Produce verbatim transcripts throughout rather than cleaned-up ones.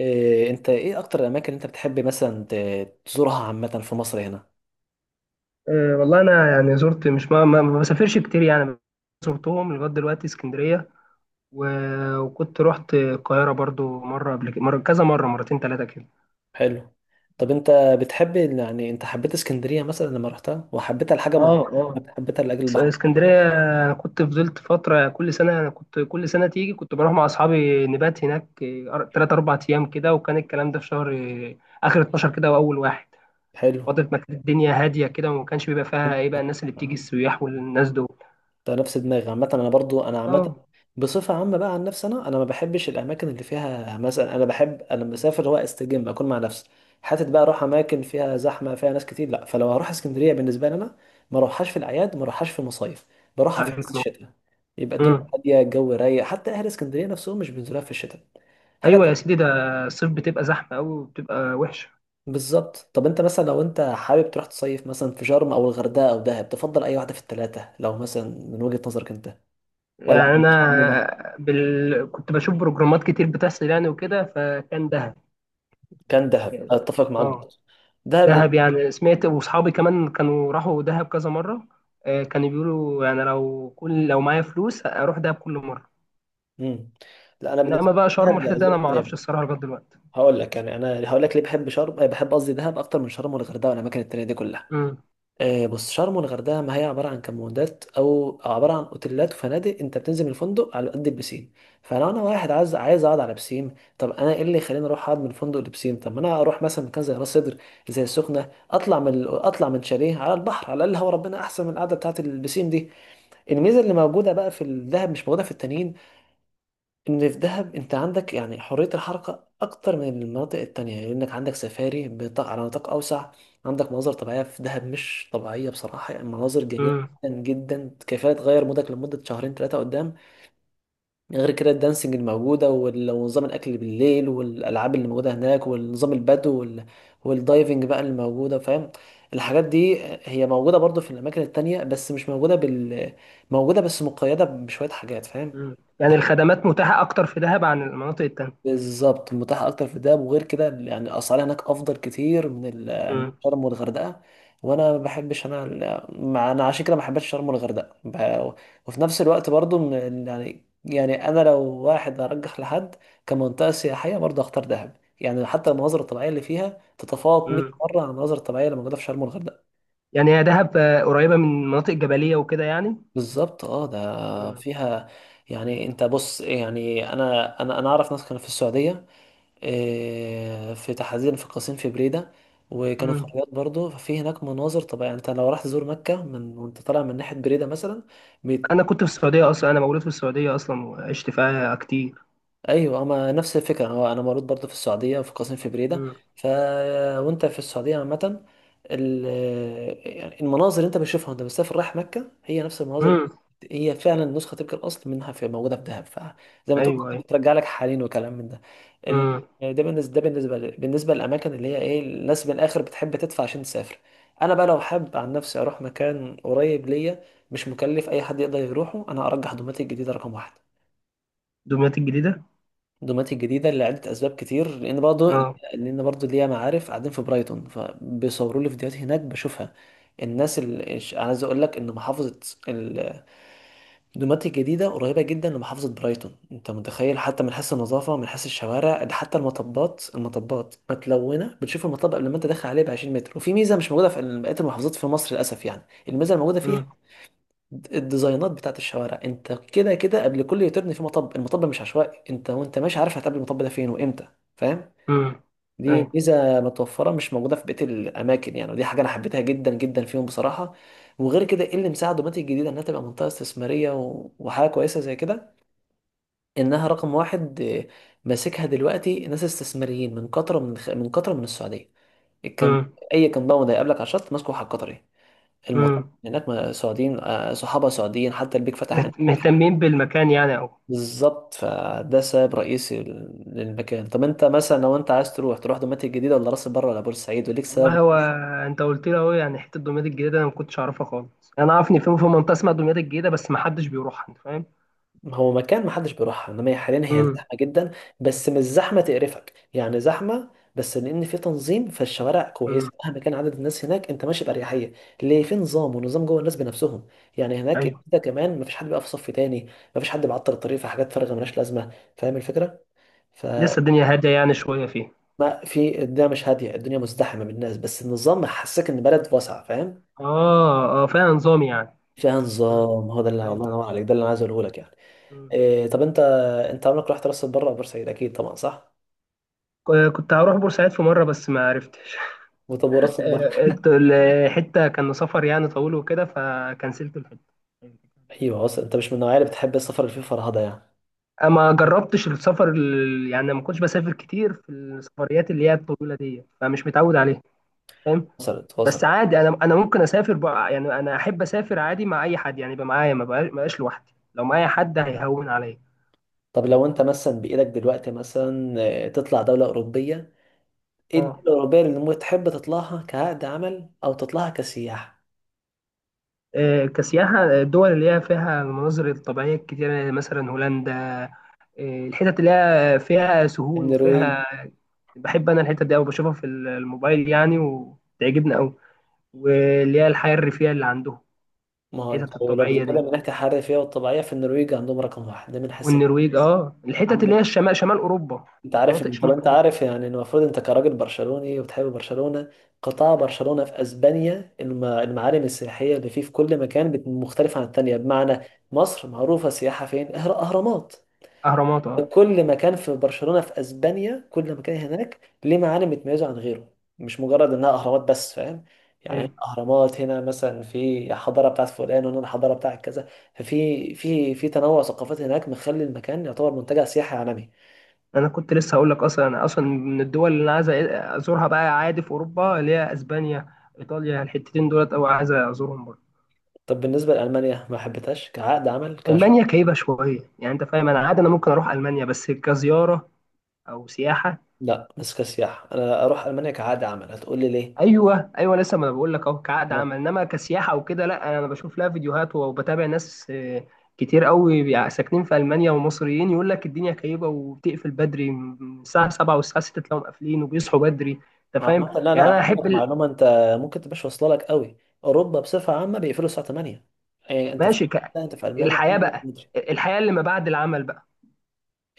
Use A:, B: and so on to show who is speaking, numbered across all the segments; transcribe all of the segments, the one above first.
A: إيه انت ايه اكتر الاماكن اللي انت بتحب مثلا ت- تزورها عامه في مصر هنا؟
B: أه، والله انا يعني زرت مش ما, ما ما بسافرش كتير يعني. زرتهم لغايه دلوقتي اسكندريه و... وكنت رحت القاهره برضو مره قبل كده، مره كذا مره مرتين ثلاثه كده.
A: حلو. طب انت بتحب يعني انت حبيت اسكندريه مثلا لما رحتها وحبيتها لحاجه
B: اه،
A: معينه
B: اه،
A: ولا حبيتها لاجل
B: اس-
A: البحر؟
B: اسكندريه. أنا كنت فضلت فتره، كل سنه انا كنت كل سنه تيجي كنت بروح مع اصحابي نبات هناك ثلاث اربع ايام كده. وكان الكلام ده في شهر آه، اخر اتناشر كده واول واحد،
A: حلو.
B: فتره ما كانت الدنيا هاديه كده وما كانش بيبقى فيها
A: انت-
B: ايه بقى، الناس اللي بتيجي
A: آه.
B: السياح والناس دول.
A: ده نفس دماغي، عامة أنا برضو، أنا عامة
B: اه،
A: بصفة عامة، بقى عن نفسي أنا أنا ما بحبش الأماكن اللي فيها مثلا، أنا بحب أنا مسافر هو أستجم أكون مع نفسي، حتت بقى أروح أماكن فيها زحمة فيها ناس كتير، لا. فلو هروح اسكندرية بالنسبة لي أنا ما أروحهاش في الأعياد، ما أروحهاش في المصايف، بروحها في حس
B: عليك
A: الشتاء، يبقى الدنيا
B: نور.
A: هادية، الجو رايق، حتى أهل اسكندرية نفسهم مش بينزلوها في الشتاء حاجة.
B: ايوه يا سيدي، ده الصيف بتبقى زحمه قوي وبتبقى وحشه.
A: بالظبط. طب أنت مثلا لو أنت حابب تروح تصيف مثلا في شرم أو الغردقة أو دهب، تفضل أي واحدة في التلاتة لو مثلا من وجهة نظرك أنت؟ ولا ما
B: يعني
A: عندكش؟
B: انا بال... كنت بشوف بروجرامات كتير بتحصل يعني وكده، فكان دهب.
A: كان دهب؟ اتفق معاك
B: اه،
A: برضه، دهب لأن...
B: دهب يعني سمعت، واصحابي كمان كانوا راحوا دهب كذا مره. آه، كانوا بيقولوا يعني لو كل لو معايا فلوس اروح دهب كل مره.
A: مم. لا انا بالنسبه
B: انما بقى
A: لي
B: شرم
A: دهب،
B: والحته
A: لا
B: دي انا
A: زرت،
B: ما اعرفش
A: يعني
B: الصراحه لغايه دلوقتي.
A: هقول لك، يعني انا هقول لك ليه بحب شرم، آه، بحب قصدي دهب اكتر من شرم والغردقه والاماكن التانيه دي كلها.
B: امم.
A: آه، بص، شرم والغردقه ما هي عباره عن كمبوندات او عباره عن اوتيلات وفنادق، انت بتنزل من الفندق على قد البسين. فلو انا واحد عايز عايز اقعد على بسين، طب انا ايه اللي يخليني اروح اقعد من فندق لبسين؟ طب ما انا اروح مثلا مكان زي راس سدر، زي السخنه، اطلع من اطلع من شاليه على البحر، على الاقل هو ربنا احسن من القعده بتاعت البسين دي. الميزه اللي موجوده بقى في الذهب مش موجوده في التانيين، ان في الذهب انت عندك يعني حريه الحركه اكتر من المناطق التانية، لانك عندك سفاري بنطاق على نطاق اوسع. عندك مناظر طبيعيه في دهب مش طبيعيه بصراحه، يعني مناظر جميله
B: امم.
A: جدا جدا، كفايه تغير مودك لمده شهرين ثلاثه قدام. غير كده الدانسينج الموجودة وال- ونظام الأكل بالليل والألعاب اللي موجودة هناك والنظام البدو وال... والدايفنج بقى اللي موجودة، فاهم؟ الحاجات دي هي موجودة برضو في الأماكن التانية بس مش موجودة بال موجودة بس مقيدة بشوية حاجات، فاهم؟
B: امم. يعني الخدمات متاحه اكتر في دهب عن المناطق التانيه.
A: بالظبط. متاح اكتر في الدهب، وغير كده يعني الاسعار هناك افضل كتير من ال- من
B: امم.
A: شرم والغردقه. وانا ما بحبش انا ال- ما انا عشان كده ما حبيتش شرم والغردقه ب- وفي نفس الوقت برضو من- يعني يعني انا لو واحد ارجح لحد كمنطقه سياحيه برضو اختار دهب، يعني حتى المناظر الطبيعيه اللي فيها تتفوق مية
B: امم.
A: مره عن المناظر الطبيعيه اللي موجوده في شرم والغردقه.
B: يعني هي دهب آه، قريبه من مناطق جبليه وكده يعني.
A: بالظبط، اه ده فيها. يعني انت بص، يعني انا انا انا اعرف ناس كانوا في السعوديه، آه، في تحديدا في قصيم، في بريدة، وكانوا في
B: مم.
A: الرياض برضه، ففي هناك مناظر طبيعية. يعني انت لو راح تزور مكة من وانت طالع من ناحية بريدة مثلا.
B: انا كنت في السعوديه اصلا، انا مولود في السعوديه اصلا وعشت فيها كتير.
A: ايوه، ما نفس الفكره، هو انا مولود برضه في السعوديه في قسم في بريده.
B: مم.
A: ف وانت في السعوديه عامه ال... يعني المناظر اللي انت بتشوفها وانت مسافر رايح مكه هي نفس المناظر،
B: مم.
A: هي فعلا نسخه تلك الاصل منها في موجوده في دهب، فزي ما تقول
B: ايوه،
A: برضه
B: ايوه.
A: بترجع لك حالين وكلام من ده. ال...
B: مم.
A: ده بالنسبه ده بالنسبه ل... بالنسبه للاماكن اللي هي ايه، الناس من الاخر بتحب تدفع عشان تسافر. انا بقى لو حابب عن نفسي اروح مكان قريب ليا مش مكلف اي حد يقدر يروحه، انا ارجح دوماتيك الجديده رقم واحد.
B: دمياط الجديده.
A: دوماتي الجديده لعده اسباب كتير، لان برضه، مم.
B: اه.
A: لان برضه ليا معارف قاعدين في برايتون، فبيصوروا لي فيديوهات هناك بشوفها. الناس اللي عايز اقول لك ان محافظه ال- دوماتي الجديده قريبه جدا لمحافظه برايتون، انت متخيل؟ حتى من حيث النظافه، من حيث الشوارع، ده حتى المطبات، المطبات متلونه، بتشوف المطب قبل ما انت داخل عليه ب عشرين متر، وفي ميزه مش موجوده في بقيه المحافظات في مصر للاسف يعني. الميزه الموجوده فيها
B: مم.
A: الديزاينات بتاعت الشوارع، انت كده كده قبل كل يوتيرن في مطب، المطب مش عشوائي، انت وانت ماشي عارف هتقابل المطب ده فين وامتى، فاهم؟
B: مم.
A: دي
B: ايوه.
A: ميزه متوفره مش موجوده في بقيه الاماكن يعني، ودي حاجه انا حبيتها جدا جدا فيهم بصراحه. وغير كده ايه اللي مساعد دوماتيك الجديده انها تبقى منطقه استثماريه و... وحاجه كويسه زي كده، انها رقم واحد، اه، ماسكها دلوقتي ناس استثماريين من قطر، من خ... من قطر، من السعوديه. الكم...
B: مم.
A: اي كمباوند هيقابلك على الشط ماسكه واحد قطري، المطار
B: مم.
A: هناك ما- سعوديين، آه، صحابه سعوديين، حتى البيك فتح.
B: مهت- مهتمين بالمكان يعني أوي.
A: بالظبط، فده سبب رئيسي للمكان. طب انت مثلا لو انت عايز تروح، تروح دوماتيك الجديده ولا راس البر ولا بورسعيد، وليك سبب؟
B: والله هو، انت قلت لي اهو، يعني حته دمياط الجديده انا ما كنتش اعرفها خالص. انا اعرف ان في في منطقه اسمها دمياط الجديده بس ما حدش بيروحها، انت فاهم.
A: هو مكان محدش بيروحها، انما هي حاليا هي
B: مم.
A: زحمه جدا، بس مش زحمه تقرفك، يعني زحمه بس لان في تنظيم، فالشوارع كويسه
B: مم.
A: مهما كان عدد الناس هناك، انت ماشي باريحيه، ليه؟ في نظام، ونظام جوه الناس بنفسهم، يعني هناك
B: ايوه.
A: انت كمان مفيش حد بيقف في صف تاني، مفيش حد بيعطل الطريق في حاجات فارغه ملهاش لازمه، فاهم الفكره؟ ف
B: لسه الدنيا هاديه يعني شويه فيها.
A: ما في الدنيا، مش هادية، الدنيا مزدحمة بالناس بس النظام حسسك إن بلد واسعة، فاهم؟
B: اه، اه، فيها نظام يعني.
A: فيها
B: مم.
A: نظام، هو ده اللي، الله
B: ايوه.
A: ينور عليك، ده اللي أنا عايز أقوله لك يعني.
B: مم.
A: إيه طب أنت، أنت عمرك رحت راس البر أو بورسعيد؟ أكيد طبعا صح.
B: ك- كنت هروح بورسعيد في مرة بس ما عرفتش.
A: وطب وراس البر؟
B: الحتة كان سفر يعني طويل وكده، فكنسلت الحتة.
A: أيوه، وصل. أنت مش من النوعية اللي بتحب السفر اللي فيه فرهدة يعني؟
B: آه، ما جربتش السفر ال- يعني ما كنتش بسافر كتير في السفريات اللي هي الطويله دي، فمش متعود عليها. فاهم.
A: وصلت
B: بس
A: وصلت.
B: عادي، انا انا ممكن اسافر بقى، يعني انا احب اسافر عادي مع اي حد يعني يبقى معايا، ما بقاش ما بقاش لوحدي، لو معايا حد هيهون عليا.
A: طب لو أنت مثلا بإيدك دلوقتي مثلا آه، تطلع دولة أوروبية، إيه الدولة
B: اه.
A: الأوروبية اللي ممكن تحب تطلعها كعقد عمل أو تطلعها كسياحة؟
B: آه، كسياحه الدول اللي هي فيها المناظر الطبيعيه الكتير، مثلا هولندا. إيه، الحتت اللي هي فيها سهول
A: النرويج؟
B: وفيها. بحب انا الحتت دي أوي، بشوفها في الموبايل يعني وتعجبني أوي، واللي هي الحياة الريفية اللي عندهم،
A: ما هو انت
B: الحتت
A: لو
B: الطبيعية دي.
A: بتتكلم من ناحية الحرية فيها والطبيعية، في النرويج عندهم رقم واحد، ده من حيث.
B: والنرويج، اه الحتت اللي هي
A: عندك،
B: الشمال، شمال أوروبا،
A: انت عارف
B: مناطق
A: ان، طب
B: شمال
A: انت
B: أوروبا.
A: عارف يعني ان المفروض انت كراجل برشلوني وبتحب برشلونة، قطاع برشلونة في اسبانيا، الم- المعالم السياحية اللي فيه في كل مكان بت- مختلفة عن التانية، بمعنى، مصر معروفة سياحة فين؟ اهر- اهرامات.
B: أهرامات، اه.
A: كل مكان في برشلونة في اسبانيا، كل مكان هناك ليه معالم بتميزه عن غيره، مش مجرد انها اهرامات بس، فاهم؟ يعني هنا
B: أيوة.
A: اهرامات، هنا مثلا في حضارة بتاعت فلان، وهنا الحضارة بتاعت كذا، ففي في في تنوع ثقافات هناك مخلي المكان يعتبر منتجع سياحي عالمي.
B: انا كنت لسه هقول لك اصلا، انا اصلا من الدول اللي انا عايز ازورها بقى عادي في اوروبا اللي هي اسبانيا، ايطاليا، الحتتين دولت او عايز ازورهم برضه.
A: طب بالنسبة لألمانيا، ما حبيتهاش كعقد عمل كش؟
B: المانيا كئيبه شويه يعني، انت فاهم. انا عادي انا ممكن اروح المانيا بس كزياره او سياحه.
A: لا، بس كسياحة. أنا أروح ألمانيا كعقد عمل، هتقول لي ليه؟
B: ايوه، ايوه، لسه ما انا بقول لك اهو كعقد
A: آه،
B: عمل، انما كسياحه وكده لا، انا بشوف لها فيديوهات وبتابع ناس آه، كتير قوي بيع- ساكنين في المانيا ومصريين، يقول لك الدنيا كئيبه وبتقفل بدري من الساعه السابعه والساعه سته تلاقيهم قافلين وبيصحوا بدري. انت فاهم.
A: عامة، لا
B: يعني
A: لا
B: انا
A: هقول
B: احب.
A: لك
B: ال...
A: معلومة أنت ممكن تبقاش واصلة لك قوي. أوروبا بصفة عامة بيقفلوا الساعة تمانية، يعني أنت في،
B: ماشي. ك...
A: لا، أنت في ألمانيا،
B: الحياه بقى الحياه اللي ما بعد العمل بقى.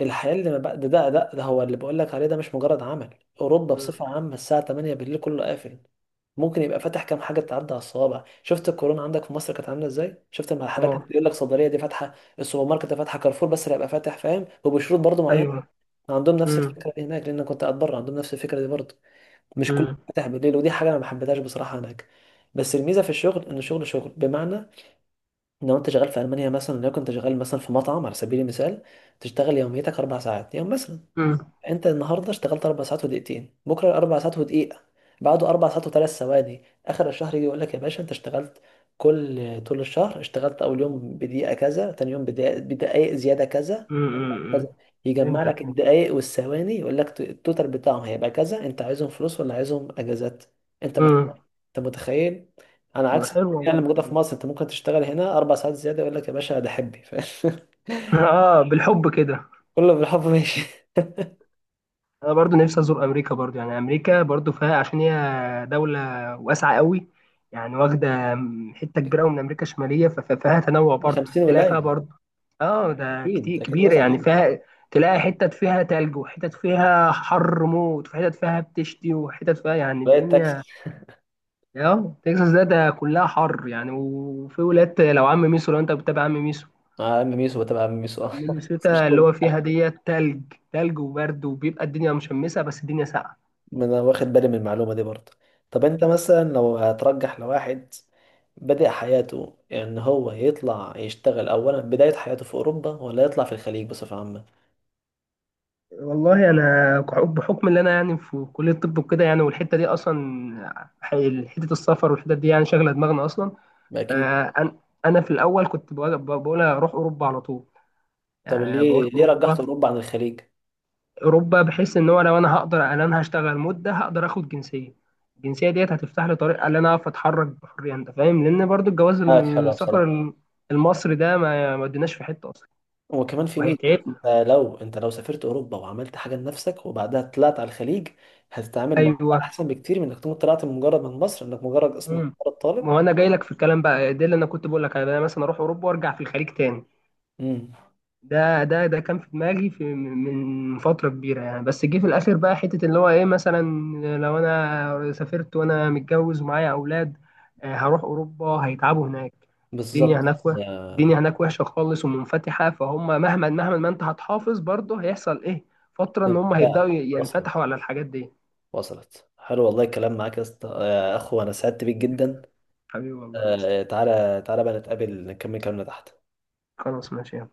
A: الحياة اللي ما بقى ده ده ده, ده هو اللي بقول لك عليه، ده مش مجرد عمل. أوروبا
B: مم.
A: بصفة عامة الساعة تمانية بالليل كله قافل. ممكن يبقى فاتح كام حاجة تعدي على الصوابع، شفت الكورونا عندك في مصر كانت عاملة ازاي، شفت المحلات كانت
B: اه،
A: بيقول لك صيدلية دي فاتحة، السوبر ماركت ده فاتحة، كارفور بس اللي هيبقى فاتح، فاهم؟ وبشروط برضه معينة.
B: ايوه.
A: عندهم نفس
B: امم.
A: الفكرة دي هناك، لأن أنا كنت قاعد بره عندهم نفس الفكرة دي برضه، مش كله
B: امم.
A: فاتح بالليل، ودي حاجة أنا ما حبيتهاش بصراحة هناك. بس الميزة في الشغل إن الشغل شغل، بمعنى، لو أنت شغال في ألمانيا مثلا، لو كنت شغال مثلا في مطعم على سبيل المثال، تشتغل يوميتك أربع ساعات يوم مثلا،
B: امم.
A: انت النهارده اشتغلت اربع ساعات ودقيقتين، بكره اربع ساعات ودقيقه، بعده اربع ساعات وثلاث ثواني، اخر الشهر يجي يقول لك يا باشا انت اشتغلت كل طول الشهر اشتغلت اول يوم بدقيقه كذا، تاني يوم بدقيقه، بدقائق زياده كذا كذا،
B: امم.
A: يجمع
B: فهمتك.
A: لك الدقائق والثواني يقول لك التوتال بتاعهم هيبقى كذا، انت عايزهم فلوس ولا عايزهم اجازات؟ انت مت...
B: امم.
A: انت متخيل؟ انا عكس
B: حلو والله
A: يعني
B: الحتة
A: موجوده
B: دي.
A: في مصر، انت ممكن تشتغل هنا اربع ساعات زياده يقول لك يا باشا ده حبي ف...
B: اه، بالحب كده.
A: كله بالحب ماشي.
B: انا برضو نفسي ازور امريكا، برضو يعني امريكا برضو فيها عشان هي دولة واسعة قوي، يعني واخدة حتة كبيرة قوي من امريكا الشمالية، ف- ف- فيها تنوع برضو،
A: خمسين
B: تلاقي فيها
A: ولايه.
B: برضو. اه، ده كتير
A: اكيد اكيد
B: كبيرة
A: واسع
B: يعني،
A: عنه.
B: فيها تلاقي حتت فيها تلج وحتت فيها حر موت وحتت فيها بتشتي وحتت فيها يعني
A: بقيت
B: الدنيا.
A: تاكسي.
B: اه، تكساس ده ده كلها حر يعني، وفي ولاد لو عم ميسو، لو انت بتتابع عم ميسو.
A: مع عم ميسو، بتابع عم ميسو اه بس مش
B: مينيسوتا اللي
A: هو.
B: هو فيها ديت تلج، تلج وبرد وبيبقى الدنيا مشمسة بس الدنيا
A: ما انا واخد بالي من المعلومه دي برضه. طب انت
B: ساقعة.
A: مثلا لو هترجح لواحد بدأ حياته، ان هو يطلع يشتغل اولا بدايه حياته في اوروبا، ولا يطلع في الخليج بصفه عامه؟
B: والله انا بحكم ان انا يعني في كليه الطب وكده يعني، والحته دي اصلا حي- حته السفر، والحتت دي يعني شغله دماغنا اصلا.
A: اكيد.
B: آه، أن- انا في الاول كنت بقول بقول اروح اوروبا على طول،
A: طب
B: يعني بقول
A: ليه ليه رجحت
B: اوروبا.
A: اوروبا عن الخليج؟
B: اوروبا بحيث ان هو لو انا هقدر ان انا هشتغل مده هقدر اخد جنسيه، الجنسيه ديت هتفتح لي طريق ان انا اعرف اتحرك بحريه، انت فاهم، لان برضو الجواز
A: معاك
B: الم-
A: حلوه
B: السفر
A: بصراحه.
B: الم- المصري ده ما ما اديناش في حته اصلا،
A: وكمان في ميزة،
B: وهيتعبنا.
A: آه، لو انت لو سافرت اوروبا وعملت حاجة لنفسك وبعدها طلعت على الخليج، هتتعامل مع
B: ايوه.
A: احسن بكتير من انك تكون طلعت من مجرد من مصر، انك مجرد اسمك
B: امم.
A: مجرد طالب.
B: ما هو انا جاي لك في الكلام بقى، ده اللي انا كنت بقول لك، انا مثلا اروح اوروبا وارجع في الخليج تاني.
A: امم.
B: ده ده ده كان في دماغي في من من فتره كبيره يعني، بس جه في الاخر بقى حته اللي هو ايه مثلا، لو انا سافرت وانا متجوز ومعايا اولاد، آه، هروح اوروبا هيتعبوا هناك.
A: بالظبط.
B: الدنيا هناك وه-
A: يا-
B: الدنيا هناك وحشه خالص ومنفتحه، فهم مهما مهما ما انت هتحافظ برضه، هيحصل ايه، فتره ان هم هيبداوا
A: لا، وصلت
B: ينفتحوا على الحاجات دي.
A: وصلت. حلو والله، الكلام معاك يا اسطى يا اخو انا سعدت بيك جدا.
B: حبيبي والله، تسلم.
A: آه، تعالى تعالى بقى نتقابل نكمل كلامنا تحت.
B: خلاص ماشي.